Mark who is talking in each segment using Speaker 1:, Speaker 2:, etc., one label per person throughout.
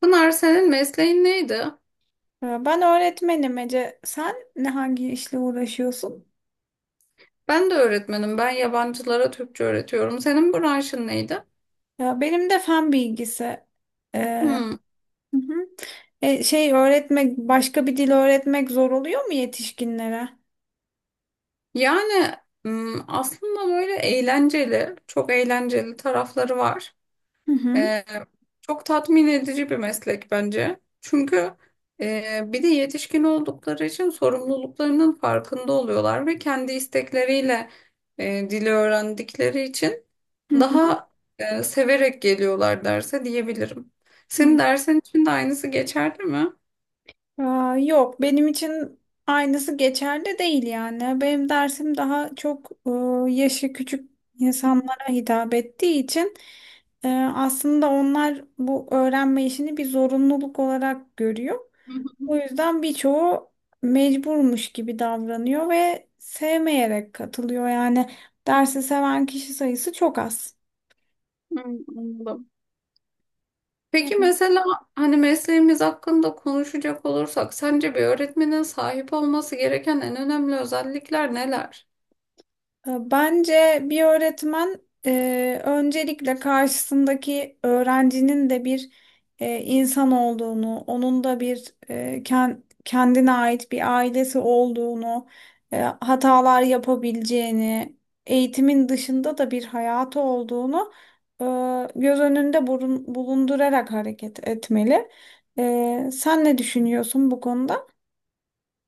Speaker 1: Pınar senin mesleğin neydi?
Speaker 2: Ya Ben öğretmenim Ece. Sen hangi işle uğraşıyorsun?
Speaker 1: Ben de öğretmenim. Ben yabancılara Türkçe öğretiyorum. Senin branşın neydi?
Speaker 2: Ya benim de fen bilgisi. Ee,
Speaker 1: Hmm.
Speaker 2: hı hı. Öğretmek, başka bir dil öğretmek zor oluyor mu yetişkinlere?
Speaker 1: Yani Aslında böyle eğlenceli, çok eğlenceli tarafları var.
Speaker 2: Hı hı.
Speaker 1: Ee, Çok tatmin edici bir meslek bence. Çünkü bir de yetişkin oldukları için sorumluluklarının farkında oluyorlar ve kendi istekleriyle dili öğrendikleri için
Speaker 2: Hı hı.
Speaker 1: daha severek geliyorlar derse diyebilirim.
Speaker 2: Hı.
Speaker 1: Senin dersin için de aynısı geçerli mi?
Speaker 2: Aa, yok, benim için aynısı geçerli değil yani. Benim dersim daha çok yaşı küçük insanlara hitap ettiği için aslında onlar bu öğrenme işini bir zorunluluk olarak görüyor. O
Speaker 1: Hmm,
Speaker 2: yüzden birçoğu mecburmuş gibi davranıyor ve sevmeyerek katılıyor. Yani dersi seven kişi sayısı çok az.
Speaker 1: Anladım. Peki mesela hani mesleğimiz hakkında konuşacak olursak sence bir öğretmenin sahip olması gereken en önemli özellikler neler?
Speaker 2: Bence bir öğretmen öncelikle karşısındaki öğrencinin de bir insan olduğunu, onun da bir kendine ait bir ailesi olduğunu, hatalar yapabileceğini, eğitimin dışında da bir hayatı olduğunu e, göz önünde bulundurarak hareket etmeli. Sen ne düşünüyorsun bu konuda?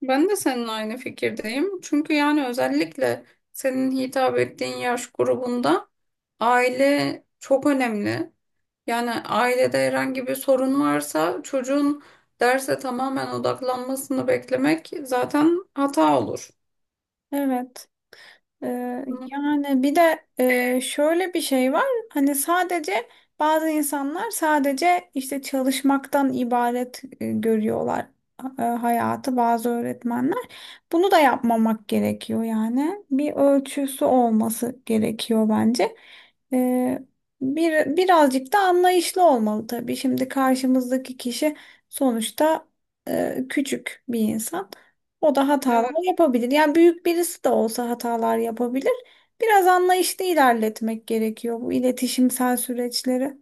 Speaker 1: Ben de seninle aynı fikirdeyim. Çünkü yani özellikle senin hitap ettiğin yaş grubunda aile çok önemli. Yani ailede herhangi bir sorun varsa çocuğun derse tamamen odaklanmasını beklemek zaten hata olur.
Speaker 2: Evet.
Speaker 1: Hı.
Speaker 2: Yani bir de şöyle bir şey var. Hani sadece bazı insanlar sadece işte çalışmaktan ibaret görüyorlar hayatı bazı öğretmenler. Bunu da yapmamak gerekiyor yani. Bir ölçüsü olması gerekiyor bence. Ee, birazcık da anlayışlı olmalı tabii. Şimdi karşımızdaki kişi sonuçta küçük bir insan. O da
Speaker 1: Evet.
Speaker 2: hatalar yapabilir. Yani büyük birisi de olsa hatalar yapabilir. Biraz anlayışlı ilerletmek gerekiyor bu iletişimsel süreçleri.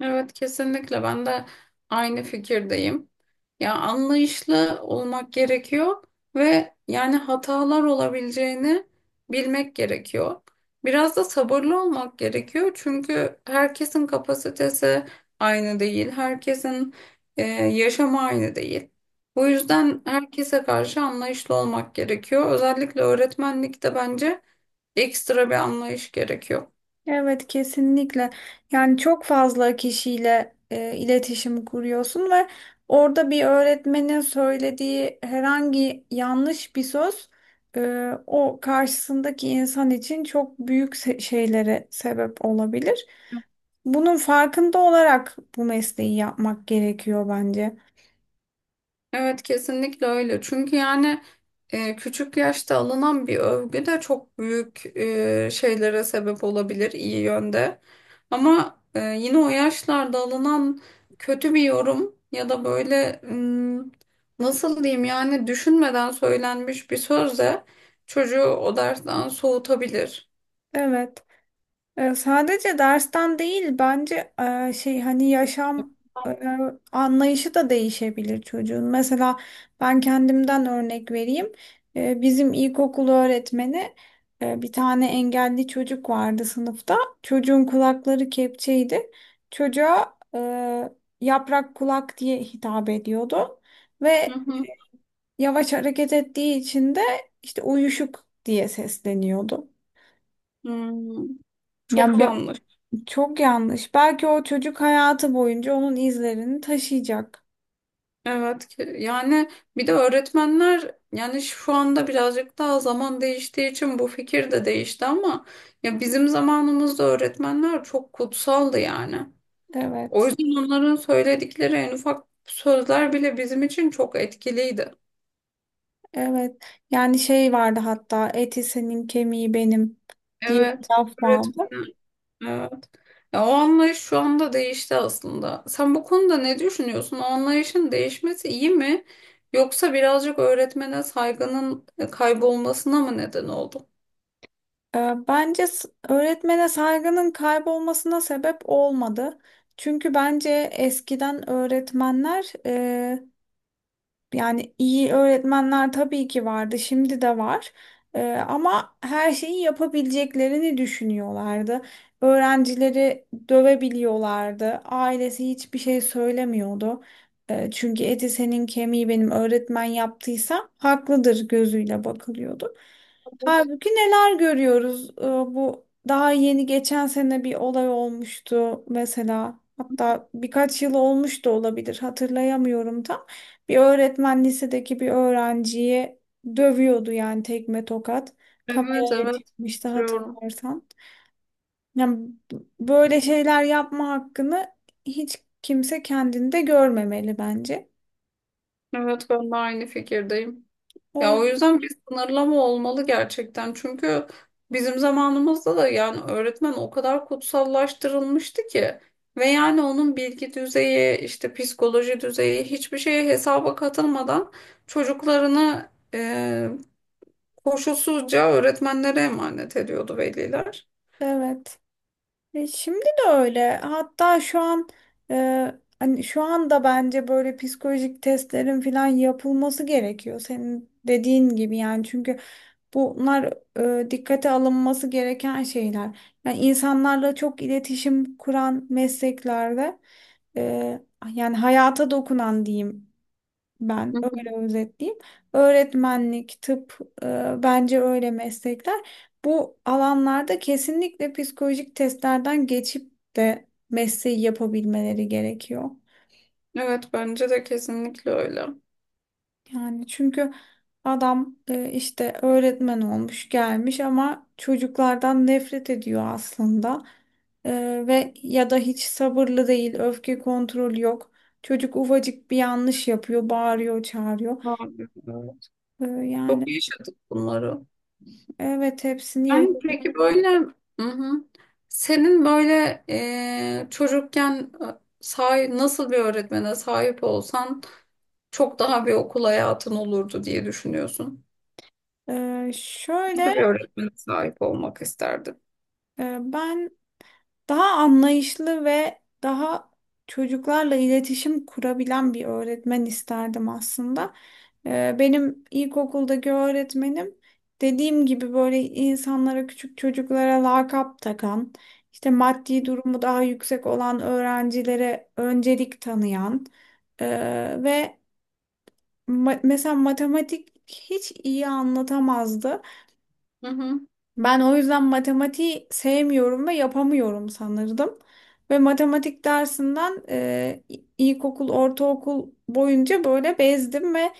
Speaker 1: Evet, kesinlikle ben de aynı fikirdeyim. Ya anlayışlı olmak gerekiyor ve yani hatalar olabileceğini bilmek gerekiyor. Biraz da sabırlı olmak gerekiyor çünkü herkesin kapasitesi aynı değil, herkesin yaşamı aynı değil. Bu yüzden herkese karşı anlayışlı olmak gerekiyor. Özellikle öğretmenlikte bence ekstra bir anlayış gerekiyor.
Speaker 2: Evet, kesinlikle. Yani çok fazla kişiyle iletişim kuruyorsun ve orada bir öğretmenin söylediği herhangi yanlış bir söz o karşısındaki insan için çok büyük şeylere sebep olabilir. Bunun farkında olarak bu mesleği yapmak gerekiyor bence.
Speaker 1: Evet kesinlikle öyle. Çünkü yani küçük yaşta alınan bir övgü de çok büyük şeylere sebep olabilir iyi yönde. Ama yine o yaşlarda alınan kötü bir yorum ya da böyle nasıl diyeyim yani düşünmeden söylenmiş bir söz de çocuğu o dersten soğutabilir.
Speaker 2: Evet. Sadece dersten değil bence şey hani yaşam e, anlayışı da değişebilir çocuğun. Mesela ben kendimden örnek vereyim. Bizim ilkokul öğretmeni bir tane engelli çocuk vardı sınıfta. Çocuğun kulakları kepçeydi. Çocuğa yaprak kulak diye hitap ediyordu.
Speaker 1: Hı
Speaker 2: Ve
Speaker 1: hı.
Speaker 2: yavaş hareket ettiği için de işte uyuşuk diye sesleniyordu.
Speaker 1: Hmm,
Speaker 2: Yani
Speaker 1: Çok
Speaker 2: bu
Speaker 1: yanlış.
Speaker 2: Çok yanlış. Belki o çocuk hayatı boyunca onun izlerini taşıyacak.
Speaker 1: Yani bir de öğretmenler yani şu anda birazcık daha zaman değiştiği için bu fikir de değişti ama ya bizim zamanımızda öğretmenler çok kutsaldı yani. O
Speaker 2: Evet.
Speaker 1: yüzden onların söyledikleri en ufak sözler bile bizim için çok etkiliydi.
Speaker 2: Evet. Yani şey vardı, hatta eti senin kemiği benim diye bir
Speaker 1: Evet,
Speaker 2: laf vardı.
Speaker 1: öğretmen. Evet. Ya o anlayış şu anda değişti aslında. Sen bu konuda ne düşünüyorsun? O anlayışın değişmesi iyi mi? Yoksa birazcık öğretmene saygının kaybolmasına mı neden oldu?
Speaker 2: Bence öğretmene saygının kaybolmasına sebep olmadı. Çünkü bence eskiden öğretmenler yani iyi öğretmenler tabii ki vardı, şimdi de var. Ee, ama her şeyi yapabileceklerini düşünüyorlardı. Öğrencileri dövebiliyorlardı. Ailesi hiçbir şey söylemiyordu. Çünkü eti senin kemiği benim, öğretmen yaptıysa haklıdır gözüyle bakılıyordu. Halbuki neler görüyoruz? Bu daha yeni geçen sene bir olay olmuştu mesela. Hatta birkaç yıl olmuş da olabilir, hatırlayamıyorum tam. Bir öğretmen lisedeki bir öğrenciyi dövüyordu, yani tekme tokat.
Speaker 1: Evet
Speaker 2: Kameraya
Speaker 1: evet
Speaker 2: çıkmıştı
Speaker 1: katılıyorum.
Speaker 2: hatırlarsan. Yani b- böyle şeyler yapma hakkını hiç kimse kendinde görmemeli bence.
Speaker 1: Evet ben de aynı fikirdeyim.
Speaker 2: O
Speaker 1: Ya o
Speaker 2: yüzden
Speaker 1: yüzden bir sınırlama olmalı gerçekten. Çünkü bizim zamanımızda da yani öğretmen o kadar kutsallaştırılmıştı ki ve yani onun bilgi düzeyi, işte psikoloji düzeyi hiçbir şeye hesaba katılmadan çocuklarını koşulsuzca öğretmenlere emanet ediyordu veliler.
Speaker 2: evet. Şimdi de öyle. Hatta şu an hani şu anda bence böyle psikolojik testlerin falan yapılması gerekiyor. Senin dediğin gibi, yani çünkü bunlar dikkate alınması gereken şeyler. Yani insanlarla çok iletişim kuran mesleklerde e, yani hayata dokunan diyeyim, ben
Speaker 1: Hı hı.
Speaker 2: öyle özetleyeyim. Öğretmenlik, tıp bence öyle meslekler. Bu alanlarda kesinlikle psikolojik testlerden geçip de mesleği yapabilmeleri gerekiyor.
Speaker 1: Evet bence de kesinlikle öyle.
Speaker 2: Yani çünkü adam işte öğretmen olmuş gelmiş ama çocuklardan nefret ediyor aslında. E, ve ya da hiç sabırlı değil, öfke kontrolü yok. Çocuk ufacık bir yanlış yapıyor, bağırıyor, çağırıyor.
Speaker 1: Abi, evet.
Speaker 2: E,
Speaker 1: Çok
Speaker 2: yani
Speaker 1: yaşadık bunları.
Speaker 2: evet hepsini.
Speaker 1: Yani peki böyle, hı hı. Senin böyle çocukken, nasıl bir öğretmene sahip olsan çok daha bir okul hayatın olurdu diye düşünüyorsun. Nasıl bir
Speaker 2: Şöyle
Speaker 1: öğretmene sahip olmak isterdin?
Speaker 2: ben daha anlayışlı ve daha çocuklarla iletişim kurabilen bir öğretmen isterdim aslında. Benim ilkokuldaki öğretmenim dediğim gibi böyle insanlara, küçük çocuklara lakap takan, işte maddi durumu daha yüksek olan öğrencilere öncelik tanıyan e, ve mesela matematik hiç iyi anlatamazdı.
Speaker 1: Hı hı.
Speaker 2: Ben o yüzden matematiği sevmiyorum ve yapamıyorum sanırdım. Ve matematik dersinden ilkokul, ortaokul boyunca böyle bezdim ve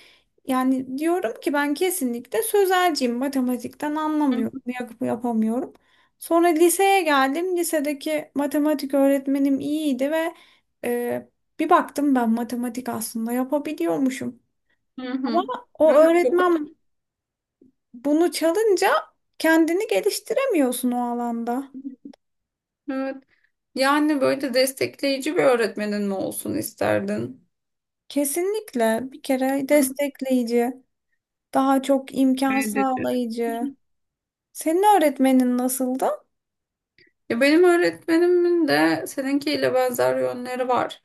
Speaker 2: yani diyorum ki ben kesinlikle sözelciyim. Matematikten
Speaker 1: Hı
Speaker 2: anlamıyorum, yapamıyorum. Sonra liseye geldim. Lisedeki matematik öğretmenim iyiydi ve e, bir baktım, ben matematik aslında yapabiliyormuşum.
Speaker 1: hı.
Speaker 2: Ama
Speaker 1: Hı.
Speaker 2: o
Speaker 1: Evet, çok
Speaker 2: öğretmen bunu çalınca kendini geliştiremiyorsun o alanda.
Speaker 1: önemli. Evet. Yani böyle destekleyici bir öğretmenin mi olsun isterdin?
Speaker 2: Kesinlikle bir kere
Speaker 1: Hı.
Speaker 2: destekleyici, daha çok imkan
Speaker 1: Evet.
Speaker 2: sağlayıcı. Senin öğretmenin nasıldı?
Speaker 1: Ya benim öğretmenimin de seninkiyle benzer yönleri var.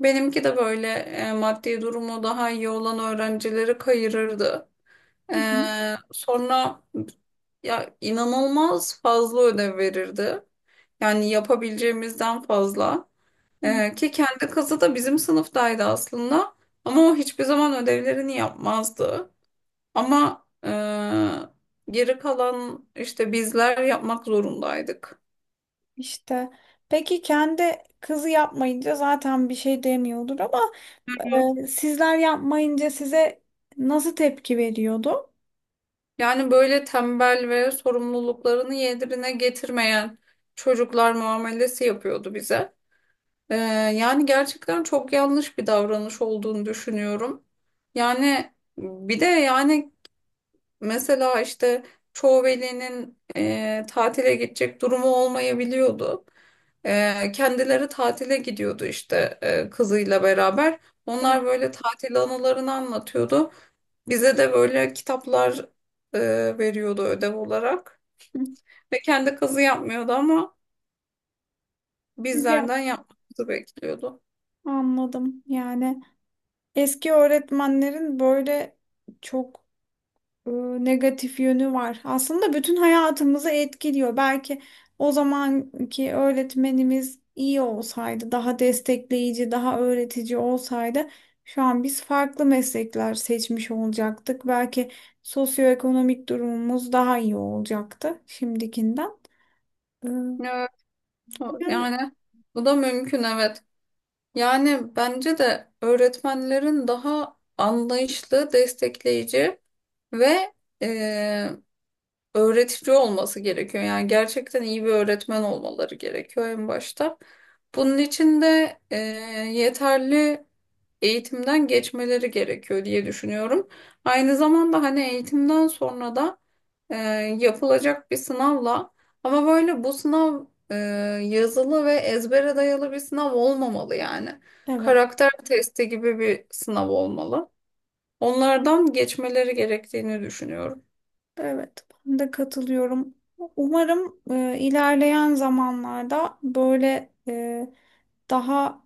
Speaker 1: Benimki de böyle maddi durumu daha iyi olan öğrencileri kayırırdı.
Speaker 2: Hı hı.
Speaker 1: Sonra ya inanılmaz fazla ödev verirdi. Yani yapabileceğimizden fazla.
Speaker 2: Hı.
Speaker 1: Ki kendi kızı da bizim sınıftaydı aslında. Ama o hiçbir zaman ödevlerini yapmazdı. Ama geri kalan işte bizler yapmak zorundaydık.
Speaker 2: İşte, peki kendi kızı yapmayınca zaten bir şey demiyordur ama sizler yapmayınca size nasıl tepki veriyordu?
Speaker 1: Yani böyle tembel ve sorumluluklarını yerine getirmeyen çocuklar muamelesi yapıyordu bize. Ee, Yani gerçekten çok yanlış bir davranış olduğunu düşünüyorum. Yani bir de yani mesela işte çoğu velinin tatile gidecek durumu olmayabiliyordu. Kendileri tatile gidiyordu işte kızıyla beraber.
Speaker 2: Evet.
Speaker 1: Onlar böyle tatil anılarını anlatıyordu. Bize de böyle kitaplar e, veriyordu ödev olarak.
Speaker 2: Hı,
Speaker 1: Ve kendi kazı yapmıyordu ama
Speaker 2: güzel.
Speaker 1: bizlerden yapmamızı bekliyordu.
Speaker 2: Anladım. Yani eski öğretmenlerin böyle çok e, negatif yönü var. Aslında bütün hayatımızı etkiliyor. Belki o zamanki öğretmenimiz iyi olsaydı, daha destekleyici, daha öğretici olsaydı şu an biz farklı meslekler seçmiş olacaktık. Belki sosyoekonomik durumumuz daha iyi olacaktı şimdikinden. E,
Speaker 1: Evet,
Speaker 2: Yani
Speaker 1: yani bu da mümkün, evet. Yani bence de öğretmenlerin daha anlayışlı, destekleyici ve e, öğretici olması gerekiyor. Yani gerçekten iyi bir öğretmen olmaları gerekiyor en başta. Bunun için de yeterli eğitimden geçmeleri gerekiyor diye düşünüyorum. Aynı zamanda hani eğitimden sonra da e, yapılacak bir sınavla, ama böyle bu sınav e, yazılı ve ezbere dayalı bir sınav olmamalı yani.
Speaker 2: evet,
Speaker 1: Karakter testi gibi bir sınav olmalı. Onlardan geçmeleri gerektiğini düşünüyorum.
Speaker 2: evet. Ben de katılıyorum. Umarım ilerleyen zamanlarda böyle daha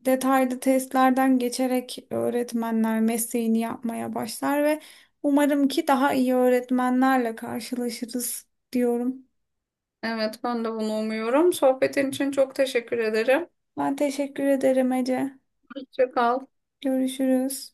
Speaker 2: detaylı testlerden geçerek öğretmenler mesleğini yapmaya başlar ve umarım ki daha iyi öğretmenlerle karşılaşırız diyorum.
Speaker 1: Evet, ben de bunu umuyorum. Sohbetin için çok teşekkür ederim.
Speaker 2: Ben teşekkür ederim Ece.
Speaker 1: Hoşça kal.
Speaker 2: Görüşürüz.